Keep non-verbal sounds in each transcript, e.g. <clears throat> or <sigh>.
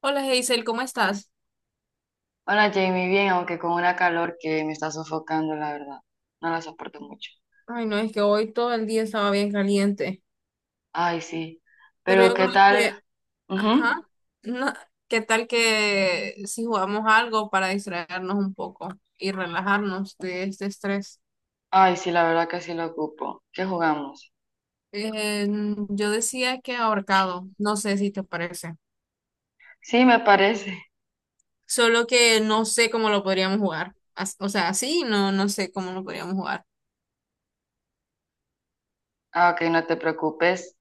Hola Hazel, ¿cómo estás? Hola Jamie, bien, aunque con una calor que me está sofocando, la verdad. No la soporto mucho. Ay, no, es que hoy todo el día estaba bien caliente, Ay, sí. pero Pero yo ¿qué creo que, tal? ajá, Ujú. no, ¿qué tal que si jugamos algo para distraernos un poco y relajarnos de este estrés? Ay, sí, la verdad que sí lo ocupo. ¿Qué jugamos? Eh, yo decía que ahorcado, no sé si te parece, Sí, me parece. solo que no sé cómo lo podríamos jugar, o sea, así no, no sé cómo lo podríamos jugar. Ah, ok, no te preocupes.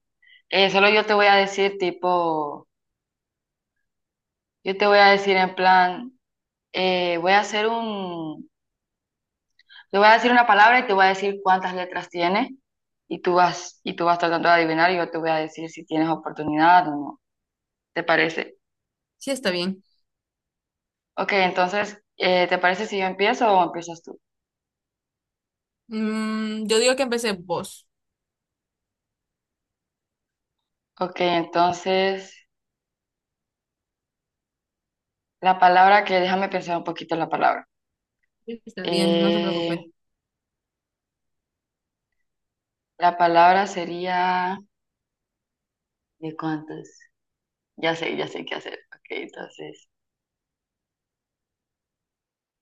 Solo yo te voy a decir tipo, yo te voy a decir en plan, voy a hacer un, te voy a decir una palabra y te voy a decir cuántas letras tiene y tú vas tratando de adivinar y yo te voy a decir si tienes oportunidad o no. ¿Te parece? Sí, está bien. Ok, entonces, ¿te parece si yo empiezo o empiezas tú? Yo digo que empecé vos. Ok, entonces, la palabra que déjame pensar un poquito la palabra. Sí, está bien, no te preocupes. Eh, la palabra sería ¿de cuántos? Ya sé qué hacer. Ok, entonces,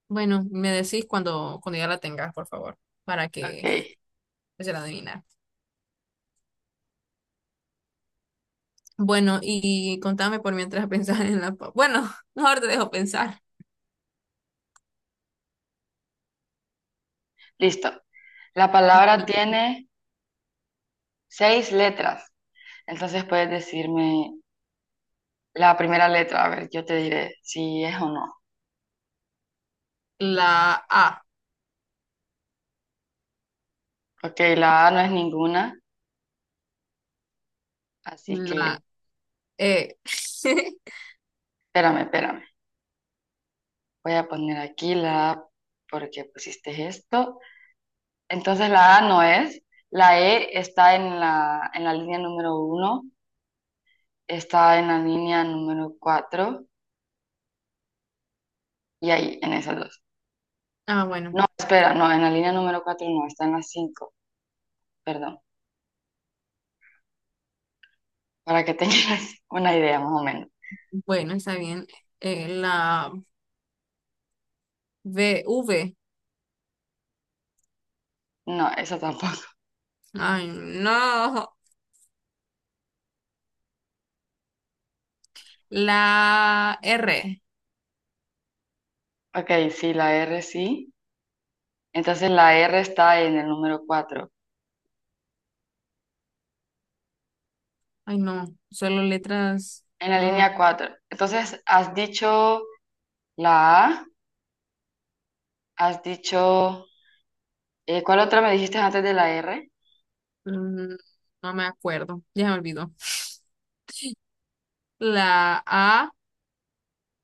Bueno, me decís cuando ya la tengas, por favor, para que ok, se la adivinar. Bueno, y contame por mientras <laughs> pensás en Bueno, <laughs> mejor te dejo pensar. listo. La palabra tiene seis letras. Entonces puedes decirme la primera letra, a ver, yo te diré si es o no. La A, Ok, la A no es ninguna, así que la E. <laughs> espérame, espérame. Voy a poner aquí la A porque pusiste esto. Entonces la A no es. La E está en en la línea número uno, está en la línea número cuatro y ahí, en esas dos. Ah, bueno, No, espera, no, en la línea número cuatro no, está en la cinco, perdón, para que <laughs> tengas una idea más o menos. bueno, está bien. La B, V. No, eso tampoco. <laughs> Ay, no. La R. Ok, sí, la R sí. Entonces la R está en el número cuatro, Ay, no. Solo letras. en la No, línea cuatro. Entonces has dicho la A, has dicho... ¿cuál otra me dijiste antes de la R? mm, no me acuerdo. Ya me olvidó. La A.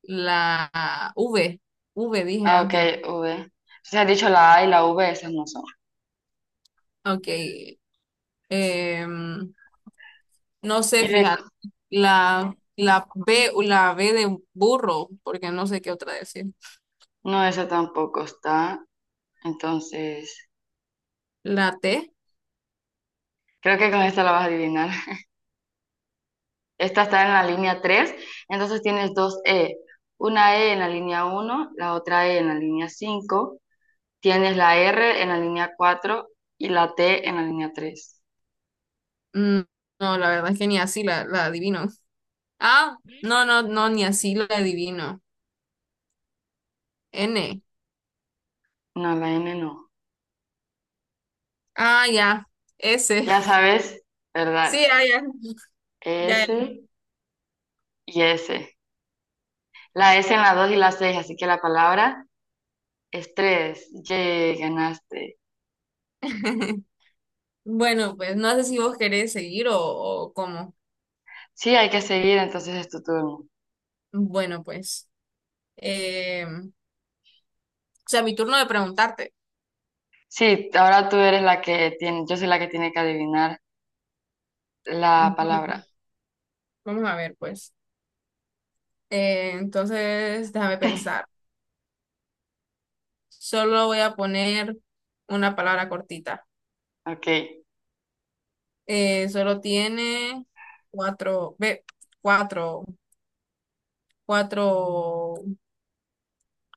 La V, V dije Ah, ok, antes. V. Entonces has dicho la A y la V, esas no son. Ok. em, no Y sé, rec- fíjate. La B, la B de burro, porque no sé qué otra decir. no, esa tampoco está. Entonces, La T, creo que con esta la vas a adivinar. <laughs> Esta está en la línea 3. Entonces tienes dos E. Una E en la línea uno, la otra E en la línea 5. Tienes la R en la línea 4 y la T en la línea tres. mm, no, la verdad es que ni así la adivino. Ah, no, no, no, ni así la adivino. N. No, la N no. Ah, ya. S. Ya sabes, ¿verdad? Sí, ah, ya. Ya, ya. S y S. La S en la 2 y la 6, así que la palabra Estrés, yay, ganaste. <laughs> Bueno, pues no sé si vos querés seguir o cómo. Sí, hay que seguir, entonces es tu turno. Bueno, pues. O sea, mi turno de preguntarte. Sí, ahora tú eres la que tiene, yo soy la que tiene que adivinar la Bueno, palabra. vamos a ver, pues. Entonces, déjame pensar. Solo voy a poner una palabra cortita. Ok, Solo tiene cuatro, ve, cuatro, cuatro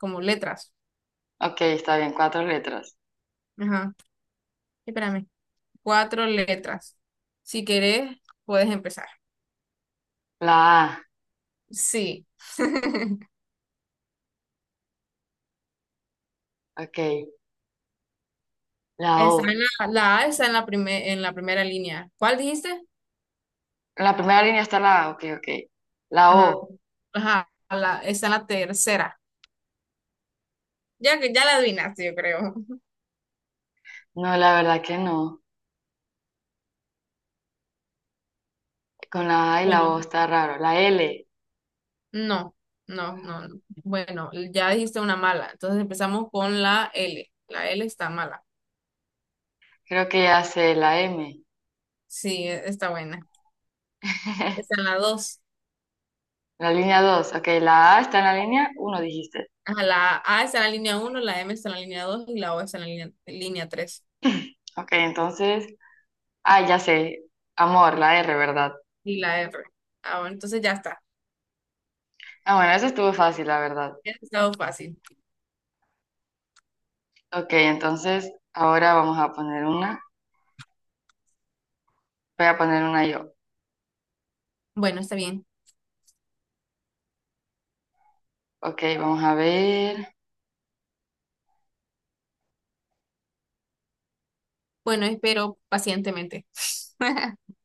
como letras. ok, está bien, cuatro letras. Ajá, espérame. Cuatro letras. Si querés, puedes empezar. La A, Sí. <laughs> ok, la Está O. en la A está en la primera línea. ¿Cuál dijiste? En la primera línea está la A, ok, ok. La Ajá, O, ajá, está en la tercera. Ya que ya la adivinaste, yo creo. no, la verdad que no. Con la A y la Bueno, O está raro. La L, no, no, no, no. Bueno, ya dijiste una mala. Entonces empezamos con la L. La L está mala. creo que hace la M. Sí, está buena. Está en <laughs> la dos. La línea 2 ok, la A está en la línea uno dijiste. Ajá, la A está en la línea uno, la M está en la línea 2 y la O está en la línea tres. Ok, entonces ah, ya sé. Amor, la R, ¿verdad? Y la R. Ah, bueno, entonces ya está. Ah, bueno, eso estuvo fácil, la verdad. Ya ha estado fácil. Ok, entonces ahora vamos a poner una. Voy a poner una yo. Bueno, está bien. Ok, vamos a ver. Bueno, espero pacientemente. <laughs>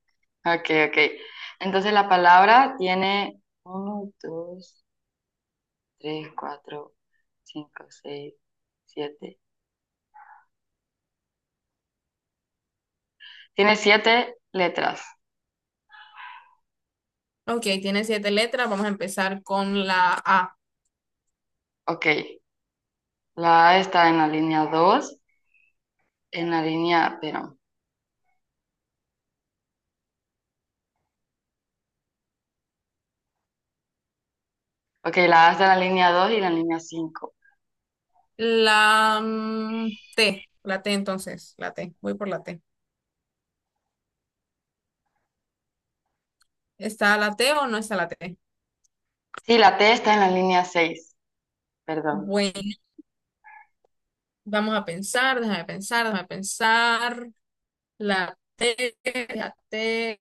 Ok, ok. Entonces la palabra tiene uno, 2, 3, 4, 5, 6, 7. Tiene siete letras. Ok, tiene siete letras. Vamos a empezar con la A. Ok, la A está en la línea 2, en la línea, pero... Ok, la A está en la línea dos y la línea 5. T. La T entonces. La T. Voy por la T. ¿Está la T o no está la T? Sí, la T está en la línea 6. Perdón. Bueno, vamos a pensar, déjame pensar, déjame pensar. La T, la T,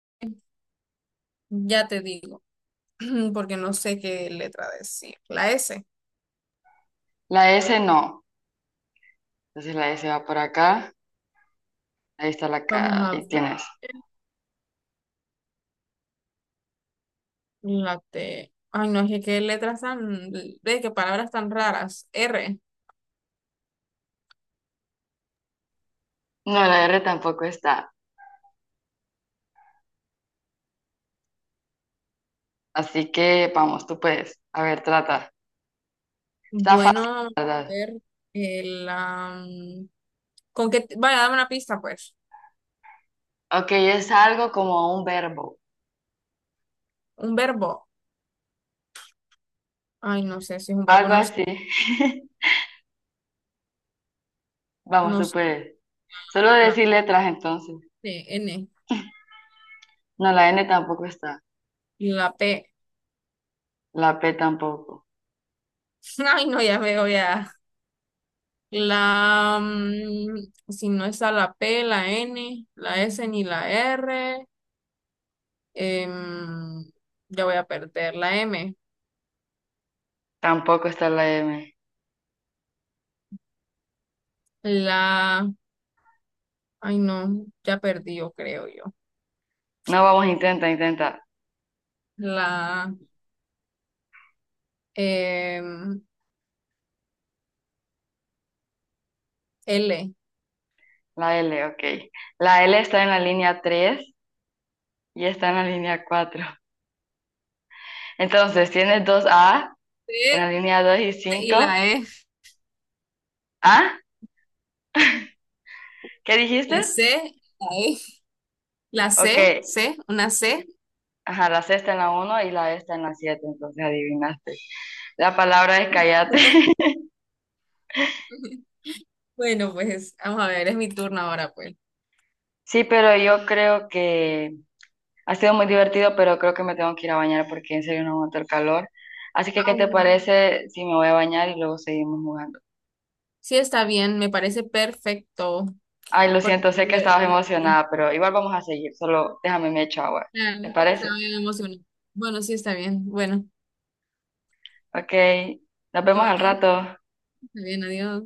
ya te digo, <clears throat> porque no sé qué letra decir. La S, La S no. Entonces la S va por acá. Ahí está la vamos K. a Ahí ver, tienes. la T. Ay, no, es que qué letras tan, ve, qué palabras tan raras. R, No, la R tampoco está. Así que vamos, tú puedes. A ver, trata. Está fácil, bueno, a ¿la verdad? ver, el, am, ¿con qué? Vaya, dame una pista, pues. Ok, es algo como un verbo. ¿Un verbo? Ay, no sé si es un verbo, Algo no, sé, así. <laughs> Vamos, no, tú sé. puedes. Solo La decir letras entonces. T, N, No, la N tampoco está. la P. La P tampoco. <laughs> Ay, no, ya veo, ya. La, si no está la P, la N, la S ni la R, em, ya voy a perder la M. Tampoco está la M. La, ay, no, ya perdí, yo creo yo. No, vamos, intenta, intenta. La em, L. La L, ok. La L está en la línea 3 y está en la línea cuatro. Entonces, tienes dos A en la C línea 2 y y la 5. E. ¿Ah? ¿Qué dijiste? La C, la E. La Ok. C, C, una C. Ajá, la C está en la uno y la E está en la 7. Entonces adivinaste. La palabra es callate. <laughs> <laughs> Bueno, pues vamos a ver, es mi turno ahora, pues. Sí, pero yo creo que ha sido muy divertido, pero creo que me tengo que ir a bañar porque en serio no aguanto el calor. Así que, Ah, ¿qué te bueno. parece si me voy a bañar y luego seguimos jugando? Sí, está bien, me parece perfecto. Ay, lo Porque, siento, sé que estabas emocionada, pero igual vamos a seguir, solo déjame me echo agua. claro, ¿Te es que yo parece? estaba bien emocionada. Bueno, sí, está bien. Bueno, Ok, nos vemos no, al no, rato. está bien, adiós.